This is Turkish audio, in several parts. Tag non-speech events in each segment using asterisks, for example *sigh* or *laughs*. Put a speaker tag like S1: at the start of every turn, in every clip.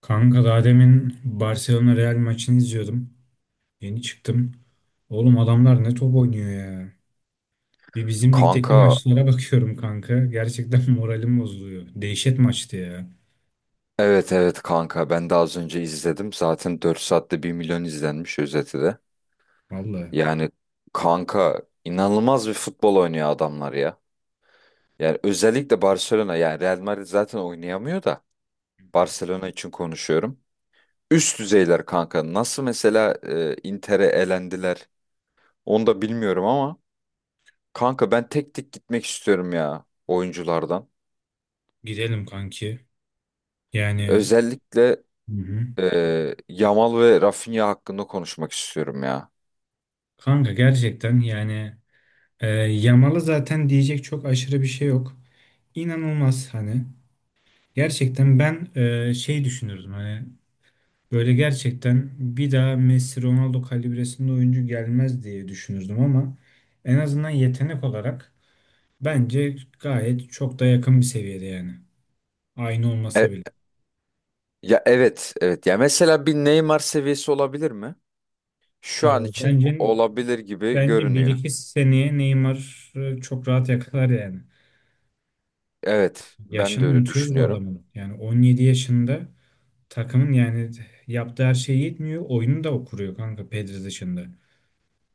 S1: Kanka daha demin Barcelona Real maçını izliyordum. Yeni çıktım. Oğlum adamlar ne top oynuyor ya. Bir bizim ligdeki
S2: Kanka
S1: maçlara bakıyorum kanka. Gerçekten *laughs* moralim bozuluyor. Dehşet maçtı ya.
S2: evet evet kanka ben de az önce izledim. Zaten 4 saatte 1 milyon izlenmiş özeti de.
S1: Vallahi.
S2: Yani kanka inanılmaz bir futbol oynuyor adamlar ya. Yani özellikle Barcelona yani Real Madrid zaten oynayamıyor da Barcelona için konuşuyorum. Üst düzeyler kanka. Nasıl mesela Inter'e elendiler onu da bilmiyorum ama kanka ben tek tek gitmek istiyorum ya oyunculardan.
S1: Gidelim kanki. Yani.
S2: Özellikle
S1: Hı hı.
S2: Yamal ve Rafinha hakkında konuşmak istiyorum ya.
S1: Kanka gerçekten yani Yamal'a zaten diyecek çok aşırı bir şey yok. İnanılmaz hani. Gerçekten ben düşünürdüm hani böyle gerçekten bir daha Messi Ronaldo kalibresinde oyuncu gelmez diye düşünürdüm ama en azından yetenek olarak bence gayet çok da yakın bir seviyede yani. Aynı
S2: E,
S1: olmasa bile.
S2: Ya evet, evet. Ya mesela bir Neymar seviyesi olabilir mi?
S1: Ee,
S2: Şu an için
S1: bence
S2: olabilir gibi
S1: bence bir
S2: görünüyor.
S1: iki seneye Neymar çok rahat yakalar yani.
S2: Evet, ben de
S1: Yaşını
S2: öyle
S1: unutuyoruz bu
S2: düşünüyorum.
S1: adamın. Yani 17 yaşında takımın yani yaptığı her şey yetmiyor. Oyunu da kuruyor kanka Pedri dışında.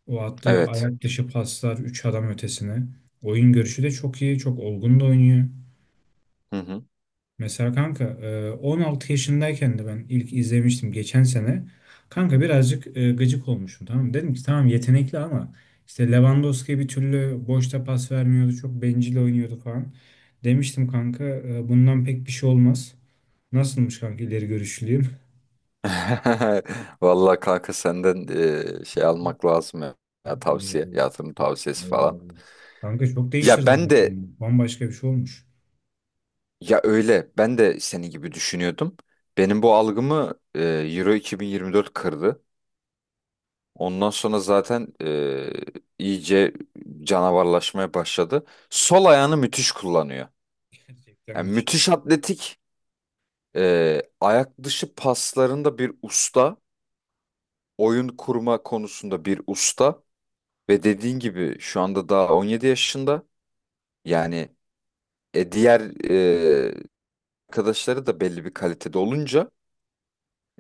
S1: O attığı
S2: Evet.
S1: ayak dışı paslar 3 adam ötesine. Oyun görüşü de çok iyi. Çok olgun da oynuyor.
S2: Hı hı.
S1: Mesela kanka 16 yaşındayken de ben ilk izlemiştim geçen sene. Kanka birazcık gıcık olmuşum, tamam mı? Dedim ki tamam yetenekli ama işte Lewandowski bir türlü boşta pas vermiyordu. Çok bencil oynuyordu falan. Demiştim kanka bundan pek bir şey olmaz. Nasılmış kanka, ileri görüşlüyüm?
S2: *laughs* Vallahi kanka senden şey almak lazım ya. Ya
S1: *laughs*
S2: tavsiye,
S1: Eyvallah.
S2: yatırım tavsiyesi
S1: Eyvallah.
S2: falan.
S1: Kanka çok
S2: Ya
S1: değiştirdi
S2: ben
S1: ama
S2: de
S1: kendini. Bambaşka bir şey olmuş.
S2: ya öyle, ben de senin gibi düşünüyordum. Benim bu algımı Euro 2024 kırdı. Ondan sonra zaten iyice canavarlaşmaya başladı. Sol ayağını müthiş kullanıyor.
S1: Gerçekten
S2: Yani
S1: müthiş.
S2: müthiş atletik, ayak dışı paslarında bir usta, oyun kurma konusunda bir usta ve dediğin gibi şu anda daha 17 yaşında. Yani diğer e, arkadaşları da belli bir kalitede olunca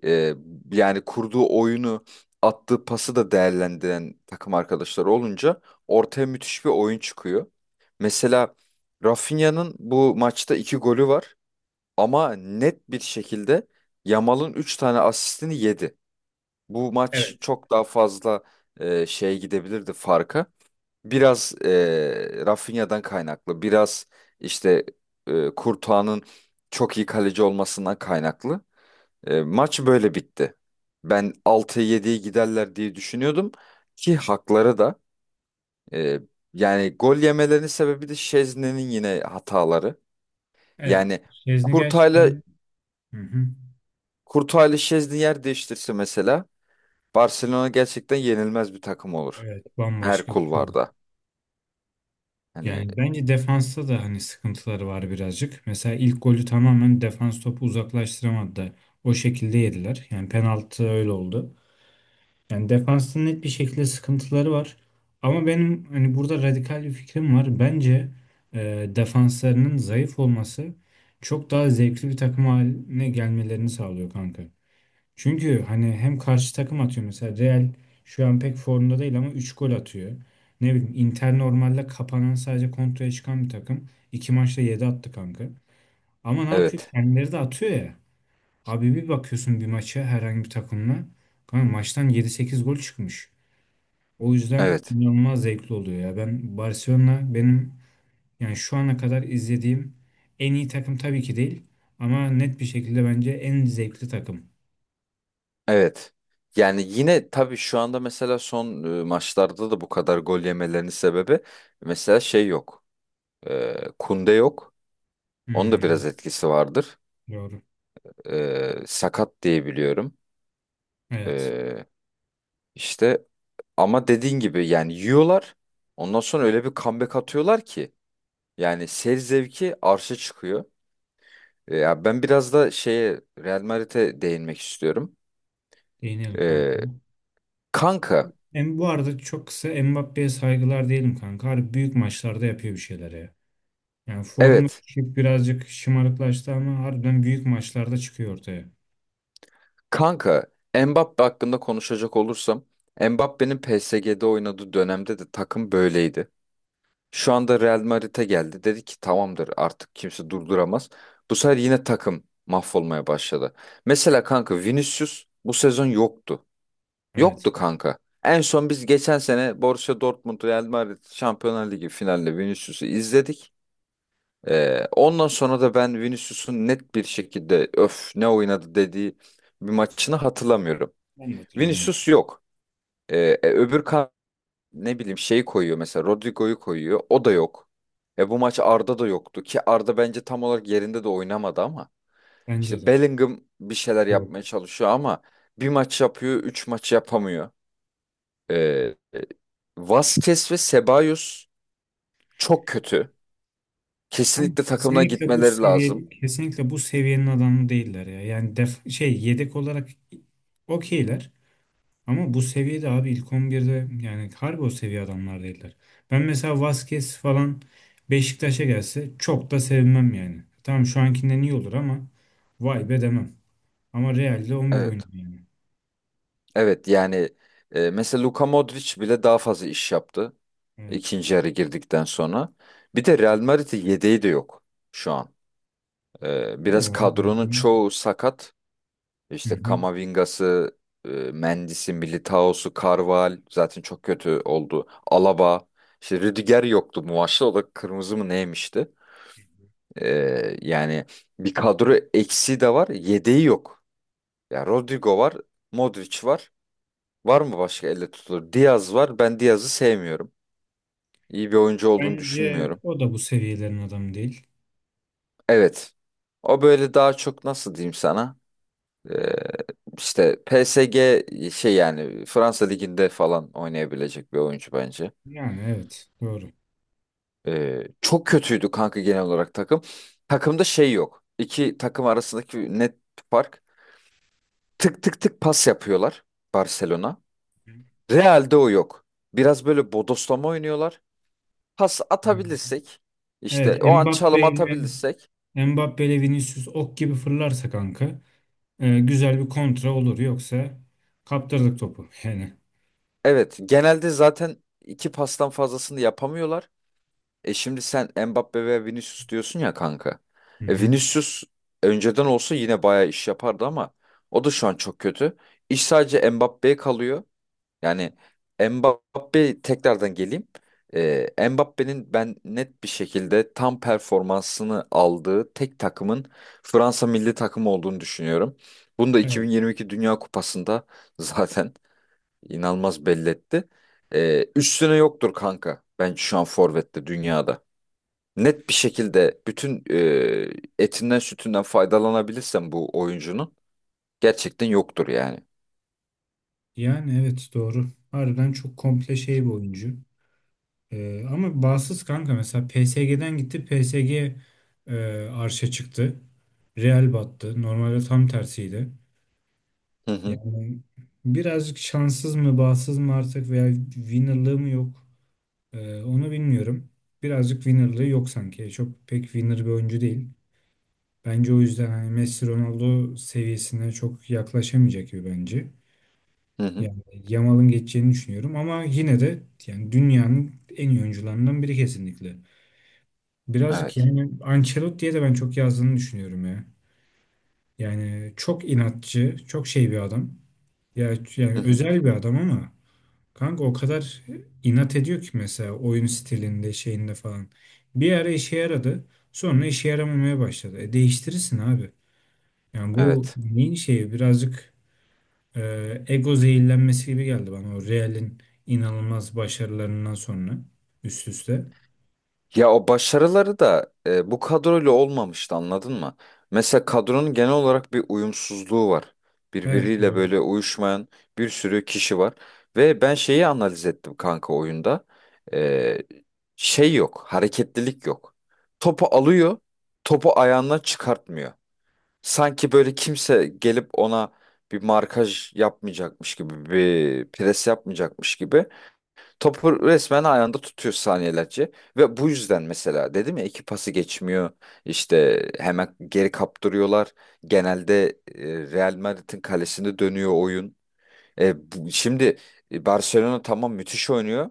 S2: Ee, yani kurduğu oyunu, attığı pası da değerlendiren takım arkadaşları olunca ortaya müthiş bir oyun çıkıyor. Mesela Rafinha'nın bu maçta iki golü var ama net bir şekilde Yamal'ın üç tane asistini yedi. Bu maç çok daha fazla şeye gidebilirdi farka. Biraz Rafinha'dan kaynaklı, biraz işte Courtois'ın çok iyi kaleci olmasından kaynaklı. Maç böyle bitti. Ben 6-7'yi giderler diye düşünüyordum ki hakları da e, yani gol yemelerinin sebebi de Şezni'nin yine hataları.
S1: Evet.
S2: Yani
S1: Şezni
S2: Kurtay'la
S1: gerçekten. Hı hı.
S2: Kurtay'la Şezni yer değiştirse mesela Barcelona gerçekten yenilmez bir takım olur.
S1: Evet,
S2: Her
S1: bambaşka bir şey olur.
S2: kulvarda. Hani
S1: Yani bence defansta da hani sıkıntıları var birazcık. Mesela ilk golü tamamen defans topu uzaklaştıramadı da o şekilde yediler. Yani penaltı öyle oldu. Yani defansta net bir şekilde sıkıntıları var. Ama benim hani burada radikal bir fikrim var. Bence defanslarının zayıf olması çok daha zevkli bir takım haline gelmelerini sağlıyor kanka. Çünkü hani hem karşı takım atıyor, mesela Real şu an pek formda değil ama 3 gol atıyor. Ne bileyim Inter normalde kapanan, sadece kontraya çıkan bir takım. İki maçta 7 attı kanka. Ama ne yapıyor?
S2: evet.
S1: Kendileri de atıyor ya. Abi bir bakıyorsun bir maça herhangi bir takımla. Kanka maçtan yedi sekiz gol çıkmış. O yüzden
S2: Evet.
S1: inanılmaz zevkli oluyor ya. Ben Barcelona benim yani şu ana kadar izlediğim en iyi takım tabii ki değil. Ama net bir şekilde bence en zevkli takım.
S2: Evet. Yani yine tabii şu anda mesela son maçlarda da bu kadar gol yemelerinin sebebi mesela şey yok. Kunde yok. Onun da
S1: Hmm,
S2: biraz etkisi vardır.
S1: doğru.
S2: Sakat diye biliyorum.
S1: Evet.
S2: Ee, işte ama dediğin gibi yani yiyorlar. Ondan sonra öyle bir comeback atıyorlar ki yani seyir zevki arşa çıkıyor. Ya ben biraz da şeye Real Madrid'e değinmek istiyorum.
S1: Değinelim kanka.
S2: Ee, kanka
S1: Bu arada çok kısa Mbappé'ye saygılar diyelim kanka. Harbi büyük maçlarda yapıyor bir şeyleri ya. Yani formu
S2: evet
S1: düşük, birazcık şımarıklaştı ama harbiden büyük maçlarda çıkıyor ortaya.
S2: kanka Mbappe hakkında konuşacak olursam Mbappe'nin PSG'de oynadığı dönemde de takım böyleydi. Şu anda Real Madrid'e geldi. Dedi ki tamamdır artık kimse durduramaz. Bu sefer yine takım mahvolmaya başladı. Mesela kanka Vinicius bu sezon yoktu.
S1: Evet.
S2: Yoktu kanka. En son biz geçen sene Borussia Dortmund Real Madrid Şampiyonlar Ligi finalinde Vinicius'u izledik. Ondan sonra da ben Vinicius'un net bir şekilde öf ne oynadı dediği bir maçını hatırlamıyorum.
S1: Ben de hatırlamıyorum.
S2: Vinicius yok. Öbür ne bileyim şey koyuyor mesela Rodrigo'yu koyuyor. O da yok. Bu maç Arda da yoktu ki Arda bence tam olarak yerinde de oynamadı ama
S1: Bence
S2: işte
S1: de.
S2: Bellingham bir şeyler yapmaya
S1: Yok.
S2: çalışıyor ama bir maç yapıyor, üç maç yapamıyor. E, e, Vasquez ve Ceballos çok kötü.
S1: Kanka
S2: Kesinlikle takımına
S1: kesinlikle bu
S2: gitmeleri lazım.
S1: seviye, kesinlikle bu seviyenin adamı değiller ya. Yani def şey yedek olarak okeyler. Ama bu seviyede abi ilk 11'de yani harbi o seviye adamlar değiller. Ben mesela Vasquez falan Beşiktaş'a gelse çok da sevinmem yani. Tamam şu ankinden iyi olur ama vay be demem. Ama Real'de 11 oynuyor
S2: Evet.
S1: yani.
S2: Evet yani mesela Luka Modric bile daha fazla iş yaptı
S1: Evet.
S2: ikinci yarı girdikten sonra. Bir de Real Madrid'in yedeği de yok şu an. Ee,
S1: İyi
S2: biraz
S1: ya. Ya.
S2: kadronun çoğu sakat.
S1: Hı
S2: İşte
S1: hı.
S2: Kamavinga'sı, Mendis'i, Militao'su, Carval zaten çok kötü oldu. Alaba, işte Rüdiger yoktu bu maçta. O da kırmızı mı neymişti? Yani bir kadro eksiği de var, yedeği yok. Ya Rodrigo var, Modric var. Var mı başka elle tutulur? Diaz var. Ben Diaz'ı sevmiyorum. İyi bir oyuncu olduğunu
S1: Bence
S2: düşünmüyorum.
S1: o da bu seviyelerin adamı değil.
S2: Evet. O böyle daha çok nasıl diyeyim sana? Ee, işte PSG şey yani Fransa Ligi'nde falan oynayabilecek bir oyuncu bence.
S1: Yani evet doğru.
S2: Çok kötüydü kanka genel olarak takım. Takımda şey yok. İki takım arasındaki net fark. Tık tık tık pas yapıyorlar Barcelona.
S1: Hı
S2: Real'de o yok. Biraz böyle bodoslama oynuyorlar. Pas
S1: hı.
S2: atabilirsek işte
S1: Evet,
S2: o an çalım atabilirsek
S1: Mbappe ile Vinicius ok gibi fırlarsa kanka güzel bir kontra olur yoksa kaptırdık topu *laughs* yani.
S2: evet genelde zaten iki pastan fazlasını yapamıyorlar. Şimdi sen Mbappe ve Vinicius diyorsun ya kanka.
S1: Hı hı.
S2: Vinicius önceden olsa yine bayağı iş yapardı ama o da şu an çok kötü. İş sadece Mbappe'ye kalıyor. Yani Mbappe tekrardan geleyim. Mbappe'nin ben net bir şekilde tam performansını aldığı tek takımın Fransa milli takımı olduğunu düşünüyorum. Bunu da
S1: Evet.
S2: 2022 Dünya Kupası'nda *laughs* zaten inanılmaz belli etti. Üstüne yoktur kanka. Bence şu an forvette dünyada net bir şekilde bütün etinden sütünden faydalanabilirsem bu oyuncunun gerçekten yoktur yani.
S1: Yani evet doğru. Harbiden çok komple şey bir oyuncu. Ama bağımsız kanka mesela PSG'den gitti, PSG e, arşa çıktı. Real battı. Normalde tam tersiydi.
S2: Hı hı.
S1: Yani birazcık şanssız mı, bağımsız mı artık, veya winnerlığı mı yok. Onu bilmiyorum. Birazcık winnerlığı yok sanki. Çok pek winner bir oyuncu değil. Bence o yüzden hani Messi Ronaldo seviyesine çok yaklaşamayacak gibi bence.
S2: Hı hı.
S1: Yani Yamal'ın geçeceğini düşünüyorum ama yine de yani dünyanın en iyi oyuncularından biri, kesinlikle. Birazcık
S2: Evet.
S1: yani Ancelotti'ye de ben çok yazdığını düşünüyorum ya. Yani çok inatçı, çok şey bir adam. Ya yani
S2: Hı hı.
S1: özel bir adam ama kanka o kadar inat ediyor ki mesela oyun stilinde, şeyinde falan. Bir ara işe yaradı, sonra işe yaramamaya başladı. E, değiştirirsin abi. Yani bu
S2: Evet.
S1: neyin şeyi birazcık. Ego zehirlenmesi gibi geldi bana, o Real'in inanılmaz başarılarından sonra üst üste.
S2: Ya o başarıları da bu kadroyla olmamıştı anladın mı? Mesela kadronun genel olarak bir uyumsuzluğu var.
S1: Evet
S2: Birbiriyle
S1: doğru.
S2: böyle uyuşmayan bir sürü kişi var. Ve ben şeyi analiz ettim kanka oyunda. E, şey yok, hareketlilik yok. Topu alıyor, topu ayağından çıkartmıyor. Sanki böyle kimse gelip ona bir markaj yapmayacakmış gibi, bir pres yapmayacakmış gibi topu resmen ayağında tutuyor saniyelerce. Ve bu yüzden mesela dedim ya iki pası geçmiyor, işte hemen geri kaptırıyorlar. Genelde Real Madrid'in kalesinde dönüyor oyun. Şimdi Barcelona tamam müthiş oynuyor.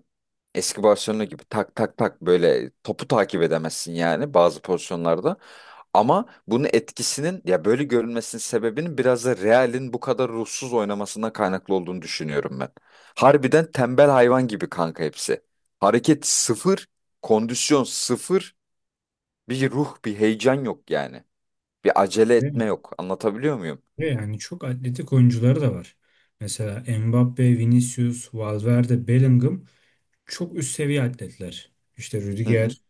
S2: Eski Barcelona gibi tak tak tak böyle topu takip edemezsin yani bazı pozisyonlarda. Ama bunun etkisinin ya böyle görünmesinin sebebinin biraz da Real'in bu kadar ruhsuz oynamasından kaynaklı olduğunu düşünüyorum ben. Harbiden tembel hayvan gibi kanka hepsi. Hareket sıfır, kondisyon sıfır, bir ruh, bir heyecan yok yani. Bir acele
S1: Değil
S2: etme
S1: mi?
S2: yok. Anlatabiliyor muyum?
S1: Ve yani çok atletik oyuncuları da var. Mesela Mbappe, Vinicius, Valverde, Bellingham çok üst seviye atletler. İşte
S2: Hı hı.
S1: Rüdiger.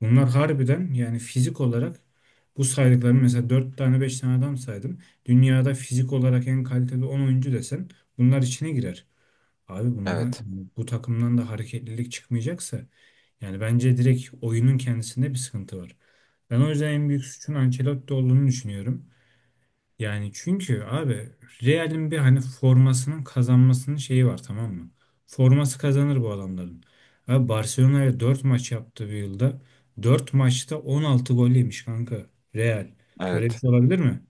S1: Bunlar harbiden yani fizik olarak, bu saydıklarım mesela 4 tane 5 tane adam saydım. Dünyada fizik olarak en kaliteli 10 oyuncu desen bunlar içine girer. Abi bunlar,
S2: Evet.
S1: bu takımdan da hareketlilik çıkmayacaksa yani bence direkt oyunun kendisinde bir sıkıntı var. Ben o yüzden en büyük suçun Ancelotti olduğunu düşünüyorum. Yani çünkü abi Real'in bir hani formasının kazanmasının şeyi var, tamam mı? Forması kazanır bu adamların. Abi Barcelona'ya 4 maç yaptı bir yılda. Dört maçta 16 gol yemiş kanka Real. Böyle bir
S2: Evet.
S1: şey olabilir mi?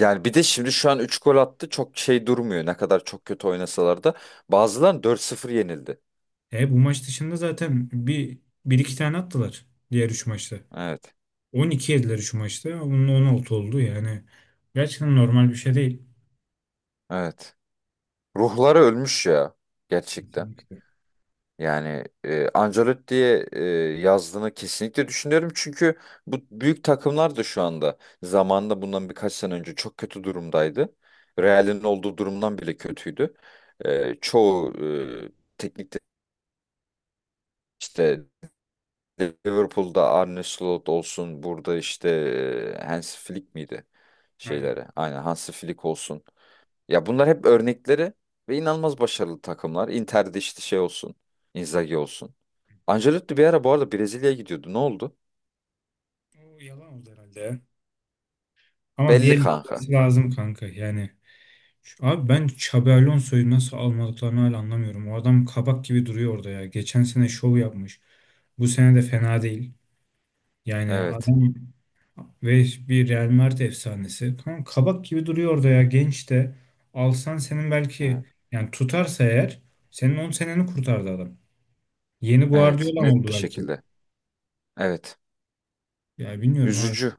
S2: Yani bir de şimdi şu an 3 gol attı. Çok şey durmuyor. Ne kadar çok kötü oynasalar da. Bazıları 4-0 yenildi.
S1: E, bu maç dışında zaten bir iki tane attılar diğer 3 maçta.
S2: Evet.
S1: 12 yediler 3 maçta. Bunun 16 oldu yani. Gerçekten normal bir şey değil.
S2: Evet. Ruhları ölmüş ya. Gerçekten.
S1: Kesinlikle.
S2: Yani Ancelotti'ye yazdığını kesinlikle düşünüyorum. Çünkü bu büyük takımlar da şu anda zamanında bundan birkaç sene önce çok kötü durumdaydı. Real'in olduğu durumdan bile kötüydü. Çoğu e, teknik de- işte Liverpool'da Arne Slot olsun burada işte Hansi Flick miydi
S1: Aynen.
S2: şeylere? Aynen Hansi Flick olsun. Ya bunlar hep örnekleri ve inanılmaz başarılı takımlar. Inter'de işte şey olsun. Inzaghi olsun. Ancelotti bir ara bu arada Brezilya'ya gidiyordu. Ne oldu?
S1: O yalan oldu herhalde ya. Ama bir
S2: Belli
S1: yere
S2: kanka.
S1: gitmesi lazım kanka. Yani abi ben Xabi Alonso'yu nasıl almadıklarını hala anlamıyorum. O adam kabak gibi duruyor orada ya. Geçen sene şov yapmış. Bu sene de fena değil. Yani
S2: Evet.
S1: adam ve bir Real Madrid efsanesi. Kanka kabak gibi duruyor orada ya. Genç de. Alsan senin
S2: Evet.
S1: belki yani, tutarsa eğer, senin 10 seneni kurtardı adam. Yeni
S2: Evet.
S1: Guardiola
S2: Net
S1: oldu
S2: bir
S1: belki.
S2: şekilde. Evet.
S1: Ya bilmiyorum abi.
S2: Üzücü.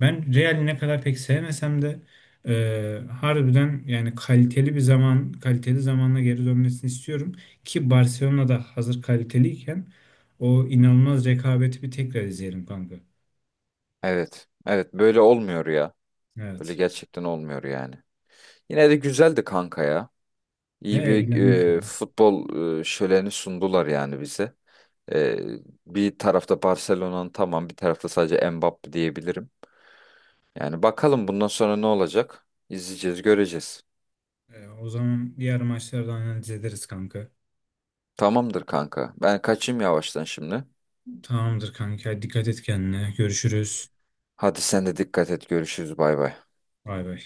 S1: Ben Real'i ne kadar pek sevmesem de harbiden yani kaliteli bir zaman, kaliteli zamanla geri dönmesini istiyorum. Ki Barcelona'da hazır kaliteliyken o inanılmaz rekabeti bir tekrar izleyelim kanka.
S2: Evet. Evet. Böyle olmuyor ya. Böyle
S1: Evet.
S2: gerçekten olmuyor yani. Yine de güzeldi kanka ya.
S1: He,
S2: İyi bir
S1: eğlendik ya.
S2: futbol şöleni sundular yani bize. E, bir tarafta Barcelona'nın tamam bir tarafta sadece Mbappe diyebilirim. Yani bakalım bundan sonra ne olacak? İzleyeceğiz, göreceğiz.
S1: O zaman diğer maçları da analiz ederiz kanka.
S2: Tamamdır kanka. Ben kaçayım yavaştan şimdi.
S1: Tamamdır kanka. Dikkat et kendine. Görüşürüz.
S2: Hadi sen de dikkat et. Görüşürüz. Bay bay.
S1: Bay bay.